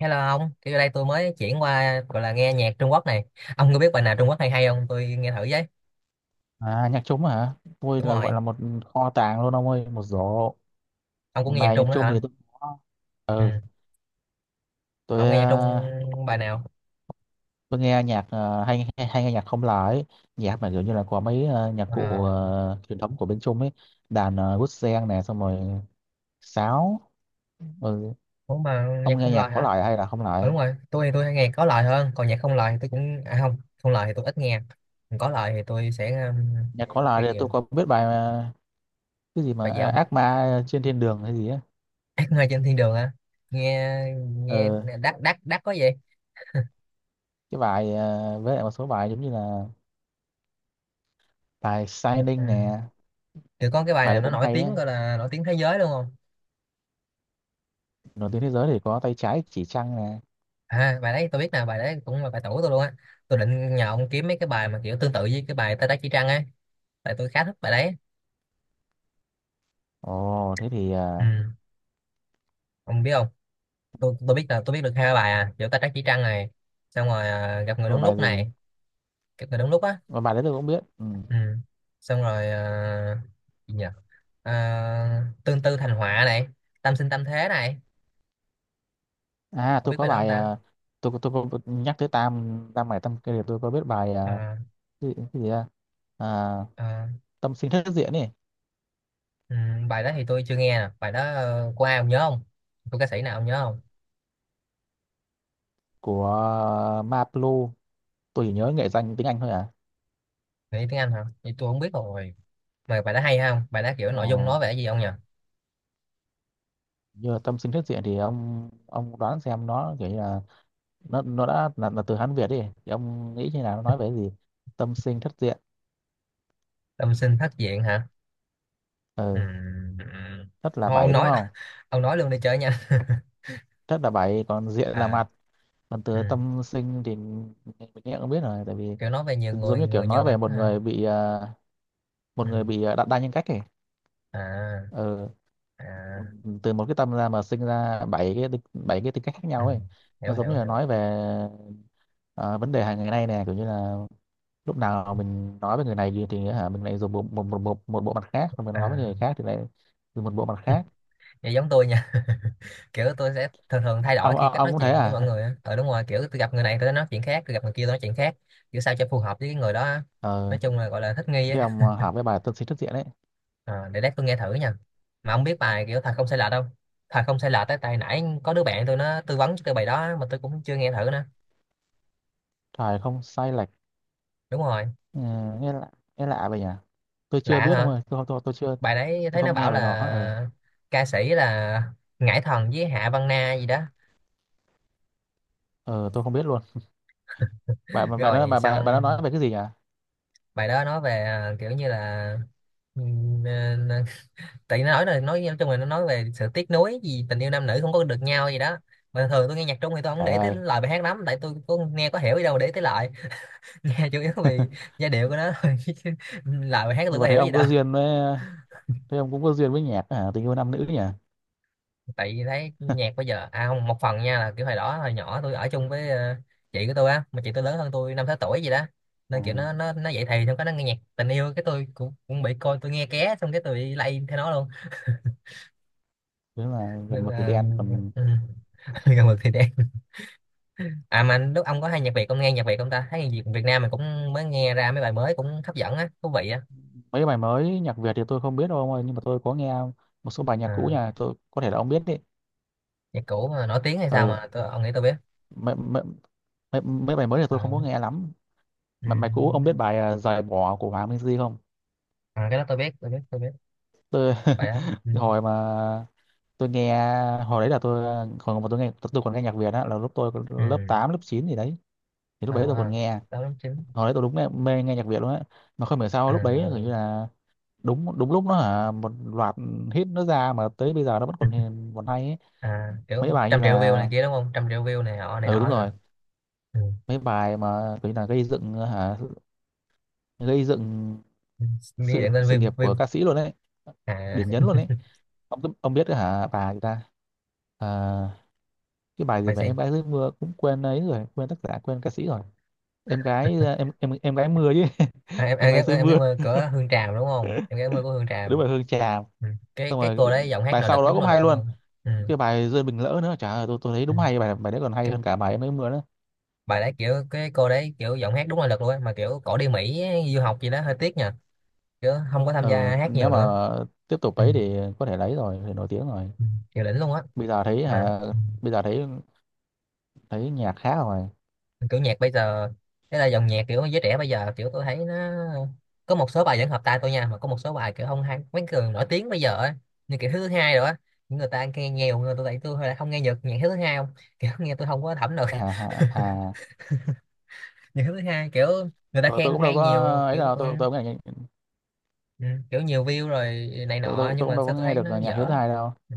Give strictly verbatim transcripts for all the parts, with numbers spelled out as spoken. Hello ông, thì đây tôi mới chuyển qua gọi là nghe nhạc Trung Quốc này. Ông có biết bài nào Trung Quốc hay hay không? Tôi nghe thử với. À nhạc trống hả? Tôi Đúng là rồi, gọi là một kho tàng luôn, ông ơi, một rổ. ông cũng nghe nhạc Bài nhạc Trung nữa trống thì hả? tôi có. Ừ. Ừ, Mà tôi ông nghe nhạc Trung ờ, bài nào? tôi nghe nhạc, ờ, hay, hay hay nghe nhạc không lời, nhạc mà kiểu như là có mấy ờ, nhạc cụ À, ờ, truyền thống của bên Trung ấy, đàn uh, guitar sen này, xong rồi sáo. Ừ, cũng mà ông nhạc nghe không nhạc lời có hả? lời hay là không Ừ, lời? đúng rồi, tôi thì tôi hay nghe có lời hơn, còn nhạc không lời thì tôi cũng à không, không lời thì tôi ít nghe. Còn có lời thì tôi sẽ um, Nhạc có lời nghe thì tôi nhiều. có biết bài mà, cái gì mà Bài gì ờ, ông? ác ma trên thiên đường hay gì á. Ác mơ trên thiên đường hả? Nghe nghe Ừ, đắt đắt đắt có gì? cái bài ờ, với lại một số bài giống như là bài Ừ. Shining nè, Thì có cái bài bài này đấy nó cũng nổi hay tiếng á. gọi là nổi tiếng thế giới luôn không? Nổi tiếng thế giới thì có tay trái chỉ trăng nè. À, bài đấy tôi biết nè, bài đấy cũng là bài tủ tôi luôn á, tôi định nhờ ông kiếm mấy cái bài mà kiểu tương tự với cái bài Tay Trái Chỉ Trăng ấy, tại tôi khá thích bài đấy. Ồ thế thì Ừ, à, ông biết không, tôi tôi biết là tôi biết được hai bài à kiểu Tay Trái Chỉ Trăng này, xong rồi à, gặp người tôi đúng bài lúc gì này, gặp người đúng lúc á. mà bài đấy tôi cũng biết, ừ. Ừ, xong rồi à, gì nhỉ, à, tương tư thành họa này, tâm sinh tâm thế này, À không tôi biết có bài đó không bài ta. à, tôi tôi có nhắc tới tam tam hải tam kia thì tôi có biết bài à, À, cái, gì- cái gì ra, à, à, tâm sinh thất diện ấy ừ, bài đó thì tôi chưa nghe nè, bài đó ờ, của ai ông nhớ không? Của ca sĩ nào ông nhớ không? của Maplu. Tôi chỉ nhớ nghệ danh tiếng Anh thôi à. Nghĩ tiếng Anh hả? Vậy tôi không biết rồi. Mà bài đó hay không? Bài đó kiểu Ồ nội dung nói về cái gì không nhỉ? như là tâm sinh thất diện thì ông ông đoán xem nó kiểu như là nó nó đã là, là từ Hán Việt đi, thì ông nghĩ như nào, nó nói về cái gì. Tâm sinh thất diện, Tâm sinh thất diện hả? ừ. Ừm, ừm. Thất là Thôi ông bảy đúng nói, không? ông nói luôn đi chơi nha. Thất là bảy, còn diện là À, mặt, còn từ ừ. tâm sinh thì mình nghe cũng biết rồi, tại vì Kiểu nói về nhiều giống người, như kiểu người nói nhiều mặt về một ha. người bị ờ, một Ừ. người bị ờ, đa, đa nhân cách ấy. À, ờ, à, Từ một cái tâm ra mà sinh ra bảy cái tính- bảy cái tính cách khác ừ. nhau ấy. Hiểu Nó giống hiểu như là hiểu. nói về ờ, vấn đề hàng ngày nay nè, kiểu như là lúc nào mình nói với người này gì thì hả mình lại dùng một một một, một, một bộ mặt khác, rồi mình nói với À, người khác thì lại dùng một bộ mặt khác. vậy giống tôi nha. Kiểu tôi sẽ thường thường thay đổi ông khi ông, cách Ông nói cũng thế chuyện với mọi à? người á. Ờ đúng rồi, kiểu tôi gặp người này tôi nói chuyện khác, tôi gặp người kia tôi nói chuyện khác. Kiểu sao cho phù hợp với cái người đó á. Nói ờ, chung là gọi là thích nghi Thế á. ông à, học với bài tâm sinh thức diện ấy. Ờ, để lát tôi nghe thử nha, mà ông biết bài kiểu thật không sai lệch không? Thật không sai lệch, tới tay nãy có đứa bạn tôi nó tư vấn cho tôi bài đó mà tôi cũng chưa nghe thử nữa. Trời, không sai lệch. Đúng rồi. Ừ, nghe lạ nghe lạ vậy nhỉ. Tôi chưa Lạ biết ông hả? ơi, tôi không tôi, tôi chưa. Bài đấy Tôi thấy nó không nghe bảo bài đó, ờ là ca sĩ là Ngải Thần với Hạ Văn Na gì đó. ờ tôi không biết luôn. Bà bà nó rồi bà bà, Bà nó xong, nói về cái gì nhỉ? bài đó nói về à, kiểu như là, ừm, ờ, tại nó nói là nói nói chung là nó nói về sự tiếc nuối gì tình yêu nam nữ không có được nhau gì đó. Mà thường tôi nghe nhạc Trung thì tôi không Trời để tới ơi. lời bài hát lắm, tại tôi cũng nghe có hiểu gì đâu mà để tới lời. Nghe chủ yếu vì giai điệu của nó thôi, chứ lời hát tôi Nhưng có mà thấy hiểu gì ông đâu. có duyên với Thấy ông cũng có duyên với nhạc, à, tình yêu nam nữ nhỉ? Tại vì thấy nhạc bây giờ à không, một phần nha là kiểu hồi đó hồi nhỏ tôi ở chung với ờ, chị của tôi á, mà chị tôi lớn hơn tôi năm sáu tuổi gì đó, À, nên kiểu nó nó nó dậy thì xong cái nó nghe nhạc tình yêu, cái tôi cũng cũng bị coi, tôi nghe ké xong cái tôi bị lay theo nó luôn. thế là Nên gần mực thì là đen, còn ừ, gần mực thì đen. À mà lúc ông có hay nhạc Việt, ông nghe nhạc Việt không ta? Thấy nhạc Việt Việt Nam mình cũng mới nghe ra mấy bài mới cũng hấp dẫn á, thú vị á. mấy bài mới nhạc Việt thì tôi không biết đâu ông ơi, nhưng mà tôi có nghe một số bài nhạc cũ À, nhà tôi, có thể là ông biết đấy. nhạc cũ mà nổi tiếng hay sao ờ mà tôi ông nghĩ tôi biết? mấy, mấy, mấy, Mấy bài mới thì tôi Ờ, không có nghe lắm. ừ. Mà bài cũ ông biết bài à, giày bỏ của Hoàng Minh Di không? À, cái đó tôi biết tôi biết tôi biết, Tôi phải đó ừ. cái hồi mà tôi nghe, hồi đấy là tôi còn, mà tôi nghe, tôi còn nghe nhạc Việt á là lúc tôi còn lớp Ừ. tám lớp chín gì đấy. Thì lúc À, đấy tôi còn nghe. đó đúng chính. Hồi đấy tôi đúng mê, mê nghe nhạc Việt luôn á. Mà không hiểu sao À, lúc đấy gần như là đúng đúng lúc nó hả một loạt hit nó ra, mà tới bây giờ nó vẫn còn hiền- còn hay ấy. à, kiểu Mấy bài như trăm triệu view là, này kia đúng không, trăm triệu view này nọ này ừ nọ đúng rồi, hả? Ừ. mấy bài mà kiểu như là gây dựng hả gây dựng Ừ. Nghĩ sự đến sự view nghiệp của view. ca sĩ luôn đấy. Điểm nhấn À luôn đấy. Ông ông biết hả bà người ta. Ờ, cái bài gì bài mà em gì? gái dưới mưa cũng quên ấy rồi, quên tác giả, quên ca sĩ rồi. Em gái à, em em em gái mưa chứ. À, em, em em, gái em, dưới em cái mưa. mơ của Hương Tràm đúng không, em cái mơ của Hương Đúng Tràm. là Hương Trà. Ừ. cái Xong cái rồi cô cái- đấy giọng hát bài nội lực, sau đó đúng cũng nội hay lực luôn. luôn. Ừ. Cái bài rơi bình lỡ nữa chả ơi, tôi tôi thấy Ừ. đúng hay, bài bài đấy còn hay Cái hơn cả bài em gái mưa nữa. bài đấy, kiểu cái cô đấy kiểu giọng hát đúng nội lực luôn á, mà kiểu cổ đi Mỹ du học gì đó, hơi tiếc nha, kiểu không có tham Ừ, gia hát nhiều nếu mà nữa. tiếp tục Ừ. ấy thì có thể lấy rồi thì nổi tiếng rồi. Ừ. Kiểu đỉnh luôn á. bây giờ thấy Mà hả Bây giờ thấy thấy nhạc khác rồi. ừ, kiểu nhạc bây giờ, thế là dòng nhạc kiểu giới trẻ bây giờ kiểu tôi thấy nó có một số bài vẫn hợp tai tôi nha, mà có một số bài kiểu không hay. Mấy người nổi tiếng bây giờ á như kiểu thứ hai rồi á, những người ta nghe nhiều người tôi, tại tôi lại không nghe nhạc nhạc thứ hai không. Kiểu nghe tôi không có thẩm được. Hả hả à, Nhạc thứ hai kiểu người ta rồi tôi khen cũng đâu hay có nhiều, ấy kiểu đâu, ừ, tôi tôi cũng nghe- ừ, kiểu nhiều view rồi này tôi, nọ tôi, nhưng tôi cũng mà đâu sao có tôi nghe thấy được nó nhạc Hiếu dở. thứ hai đâu. Ừ,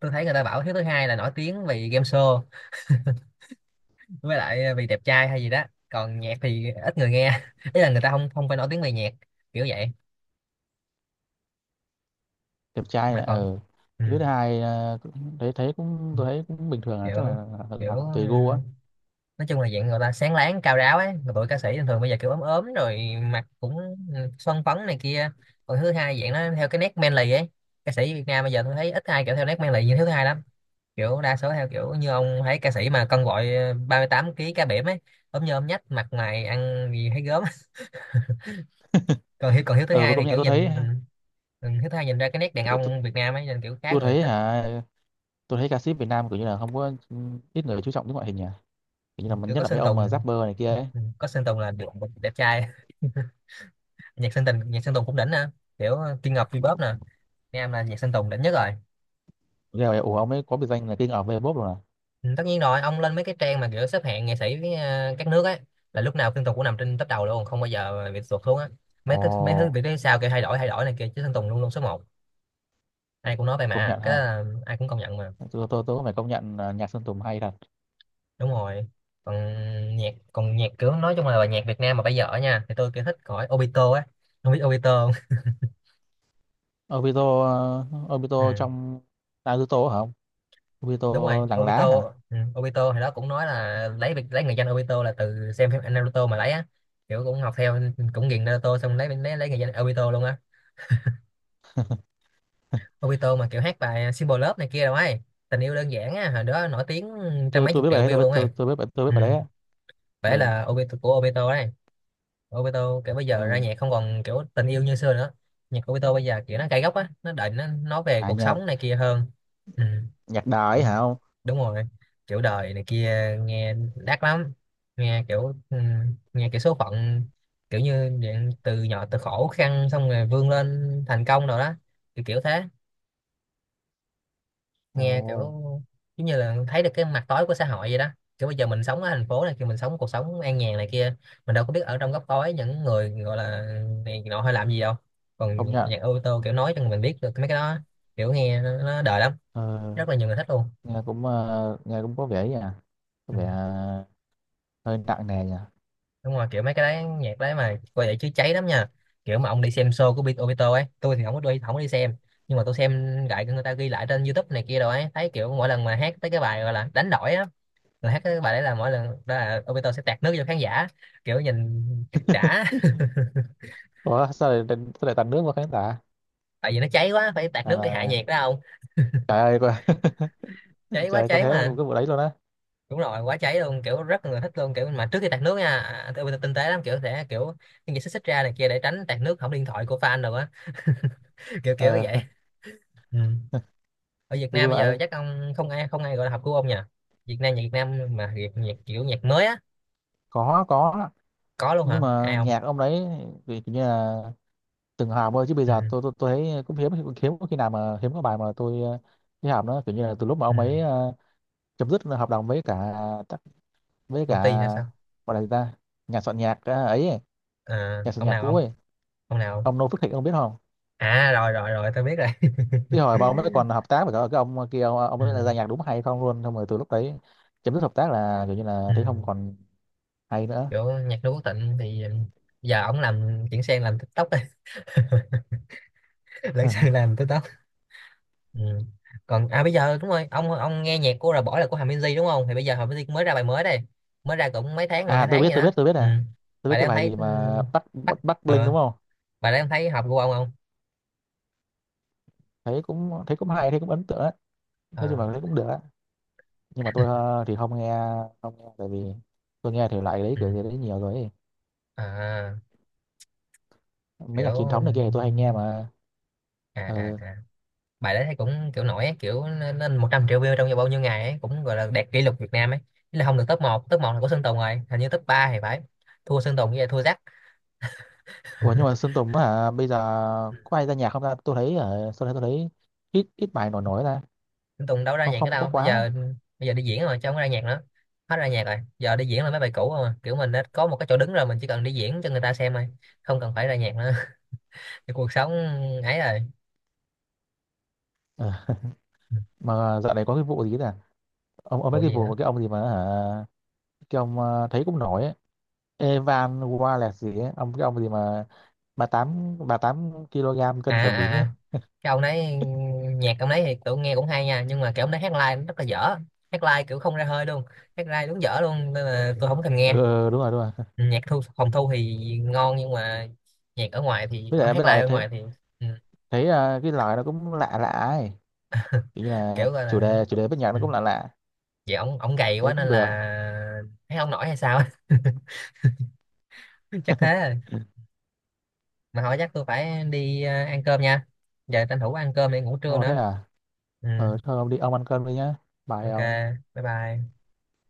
tôi thấy người ta bảo hiếu thứ hai là nổi tiếng vì game show, với lại ờ, vì đẹp trai hay gì đó, còn nhạc thì ít người nghe, ý là người ta không không phải nổi tiếng về nhạc, kiểu vậy. Đẹp trai Mà ở, còn ừ. ừ, Thứ hai ờ, cũng- thấy thấy cũng, tôi thấy cũng bình thường, là kiểu chắc là, là, kiểu là tùy gu á. ừm, nói chung là dạng người ta sáng láng cao ráo ấy, mà tụi ca sĩ thường thường bây giờ kiểu ốm ốm rồi, mặt cũng ừ, son phấn này kia. Còn thứ hai dạng nó theo cái nét manly ấy, ca sĩ Việt Nam bây giờ tôi thấy ít ai kiểu theo nét manly như thứ hai lắm, kiểu đa số theo kiểu như ông thấy ca sĩ mà cân gọi ba mươi tám ký cá biển ấy, ốm như ốm nhách, mặt mày ăn gì thấy gớm. Còn hiếu còn hiếu thứ Ừ và hai công thì nhận kiểu tôi thấy. nhìn mình ừ, hiếu thứ hai nhìn ra cái nét đàn tôi, tôi, ông Việt Nam ấy nên kiểu khá tôi người thấy thích. hả Tôi thấy ca sĩ Việt Nam kiểu như là không có, ít người chú trọng đến ngoại hình nhỉ. Kiểu như là Kiểu nhất có là mấy Sơn ông mà Tùng. rapper này kia ấy. Ừ, có Sơn Tùng là được, đẹp trai. Nhạc Sơn Tùng, nhạc Sơn Tùng cũng đỉnh nè, kiểu Kim Ngọc vê pop nè. Nam là nhạc Sơn Tùng đỉnh nhất rồi. Rồi ủa, ông ấy có biệt danh là King of Vbop rồi à? Ừ, tất nhiên rồi, ông lên mấy cái trang mà kiểu xếp hạng nghệ sĩ với, ờ, các nước ấy, là lúc nào Sơn Tùng cũng nằm trên top đầu luôn, không bao giờ bị tụt xuống á. Ồ mấy thứ Mấy thứ bị phía sau kiểu thay đổi thay đổi này kia chứ Sơn Tùng luôn luôn số một. Ai cũng nói vậy công mà, nhận cái đó ha. là ai cũng công nhận mà. Tôi tôi tôi cũng phải công nhận là nhạc Sơn Tùng hay thật. Đúng rồi. Còn nhạc còn nhạc kiểu nói chung là nhạc Việt Nam mà bây giờ á nha thì tôi kiểu thích khỏi Obito á. Không biết Obito không? Obito, ờ, Obito Ừ. trong Naruto hả, không? Obito Đúng rồi làng lá Obito. hả? Ừ. Obito thì đó cũng nói là lấy việc lấy người danh Obito là từ xem phim Naruto mà lấy á, kiểu cũng học theo, cũng nghiền Naruto xong lấy lấy lấy người danh Obito luôn á. Obito mà kiểu hát bài Simple Love này kia đâu ấy, tình yêu đơn giản á, hồi đó nổi tiếng trăm tôi mấy tôi chục biết bài triệu đấy, tôi view biết, luôn tôi, ấy. tôi biết bài- tôi biết Ừ. bài đấy á. Phải Ừ là Obito, của Obito đấy. Obito kiểu bây giờ ra nhạc ừ không còn kiểu tình yêu như xưa nữa, nhạc của Obito bây giờ kiểu nó cay góc á, nó định nó nói về à. cuộc Nhà sống này kia hơn. Ừ. nhạc đời Kiểu- hả, không? đúng rồi, kiểu đời này kia, nghe đắt lắm. Nghe kiểu ừ, nghe kiểu số phận, kiểu như dạng từ nhỏ từ khổ khăn xong rồi vươn lên thành công rồi đó, kiểu kiểu thế. Nghe kiểu Ồ, giống như là thấy được cái mặt tối của xã hội vậy đó, kiểu bây giờ mình sống ở thành phố này kia, mình sống cuộc sống an nhàn này kia, mình đâu có biết ở trong góc tối những người gọi là này nọ hay làm gì đâu. Còn không nhận. nhạc ô tô kiểu nói cho mình biết được mấy cái đó, kiểu nghe nó, nó đời lắm. ờ, Rất là nhiều người thích luôn. Nghe cũng, ờ, nghe cũng có vẻ nha, có Ừ. vẻ ờ, hơi nặng nề nha. Đúng rồi, kiểu mấy cái đấy nhạc đấy mà coi vậy chứ cháy lắm nha, kiểu mà ông đi xem show của Bi- Obito ấy, tôi thì không có đi, không có đi xem, nhưng mà tôi xem lại người ta ghi lại trên diu túp này kia rồi ấy, thấy kiểu mỗi lần mà hát tới cái bài gọi là đánh đổi á, rồi hát cái bài đấy là mỗi lần đó là Obito sẽ tạt nước cho khán giả, kiểu nhìn đã. Ủa sao lại sao lại tạt nước vào khán giả? Tại vì nó cháy quá phải tạt À, nước để hạ là, nhiệt đó không, trời ơi có- cháy trời quá ơi, có cháy thế cái mà. vụ đấy luôn á. Đúng rồi, quá cháy luôn kiểu rất là người thích luôn, kiểu mà trước khi tạt nước nha, à, à, Obito tinh tế lắm, kiểu sẽ kiểu những như xích xích ra này kia để tránh tạt nước hỏng điện thoại của fan rồi á. Kiểu kiểu ờ, vậy. Ừ. Ở Việt vui Nam vui bây giờ vậy. chắc ông không ai, không ai gọi là học của ông nhỉ? Việt Nam, nhạc Việt Nam mà Việt nhạc kiểu nhạc mới á. có có Có luôn nhưng hả ai mà không? nhạc ông đấy thì kiểu như là từng hòm thôi, chứ bây Ừ. giờ tôi tôi, tôi thấy cũng hiếm, hiếm có khi nào mà hiếm có bài mà tôi ờ, thấy hòm đó kiểu như là từ lúc mà Ừ. ông ấy ờ, chấm dứt hợp đồng với cả với Công cả ty hay sao? gọi là gì ta, nhà soạn nhạc à, ấy, ấy, À, nhà soạn ông nhạc nào cũ không? ấy. Ông nào? Ông Noo Phước Thịnh ông biết không? À rồi rồi rồi tôi biết rồi. Cái hồi mà ông mới còn hợp tác với cả cái ông kia, ông ông Ừ, ấy ra nhạc đúng hay không luôn, xong rồi từ lúc đấy chấm dứt hợp tác là kiểu như là ừ. thấy không còn hay nữa. Kiểu nhạc Noo Quốc Tịnh thì giờ ổng làm chuyển sang làm tích tóc rồi. Lấn sang làm tích tóc. Ừ. Còn à bây giờ đúng rồi, ông ông nghe nhạc của Rà Bỏ là của Hà Minzy đúng không, thì bây giờ Hà Minzy cũng mới ra bài mới đây, mới ra cũng mấy tháng rồi, À hai tôi tháng biết, vậy tôi đó. biết, tôi biết Ừ. à. Tôi biết Bài đó cái em bài thấy gì ừ, mà Bắc bắt Bắc, Bắc Bling ờ, đúng không? bài đó em thấy hợp của ông không? Thấy cũng thấy cũng hay, thấy cũng ấn tượng á. Nói chung Ờ là thấy cũng được á. Nhưng mà tôi ờ, thì không nghe, không nghe tại vì tôi nghe thể loại đấy ừ. kiểu gì đấy nhiều rồi ấy. À Mấy nhạc kiểu truyền ừ, thống này kia thì tôi hay nghe mà. à à Ờ, à, bài đấy thấy cũng kiểu nổi ấy, kiểu lên một trăm triệu view trong vòng bao nhiêu ngày ấy, cũng gọi là đạt kỷ lục Việt Nam ấy. Ý là không được top một, top một là của Sơn Tùng rồi, hình như top ba thì phải, thua Sơn Tùng với lại thua Jack. ủa nhưng mà Sơn Tùng hả, bây giờ có ai ra nhạc không ta, tôi thấy ở sau này tôi thấy ít ít bài nổi nổi ra. Sơn Tùng đâu ra Không, nhạc nữa không có đâu bây quá. giờ, bây giờ đi diễn rồi chứ không có ra nhạc nữa. Hết ra nhạc rồi, giờ đi diễn là mấy bài cũ rồi, kiểu mình đã có một cái chỗ đứng rồi mình chỉ cần đi diễn cho người ta xem thôi, không cần phải ra nhạc nữa. Cái cuộc sống ấy rồi. Ờ, mà dạo này có cái vụ gì nè. Ông ông mấy Vụ cái gì vụ nữa? mà cái ông gì mà hả, cái ông ờ, thấy cũng nổi ấy. Evan Wallace gì ấy ông, cái ông gì mà ba tám ba tám kg À cân cả à bỉm ấy. à, cái ông đấy, nhạc ông đấy thì tụi nghe cũng hay nha nhưng mà kiểu ông đấy hát live nó rất là dở, hát live kiểu không ra hơi luôn, hát live đúng dở luôn nên là tôi không thèm Ừ, ừ, nghe. ừ, đúng rồi đúng rồi. Ừ, nhạc thu phòng thu thì ngon nhưng mà nhạc ở ngoài thì với ở lại hát Với live lại ở thấy, ngoài thì ừ, thấy ờ, cái lời nó cũng lạ lạ ấy, kiểu như là kiểu gọi chủ là đề chủ đề với nhạc nó ừ, cũng lạ lạ. vậy ông ông gầy Thế quá nên cũng là được. hát không nổi hay sao á. Chắc thế rồi. Mà hỏi chắc tôi phải đi ờ, ăn cơm nha, giờ tranh thủ ăn cơm để ngủ trưa Ồ thế nữa. à. Ừ, ờ Thôi ông đi, ông ăn cơm đi nhá. Bye ok, ông. bye bye.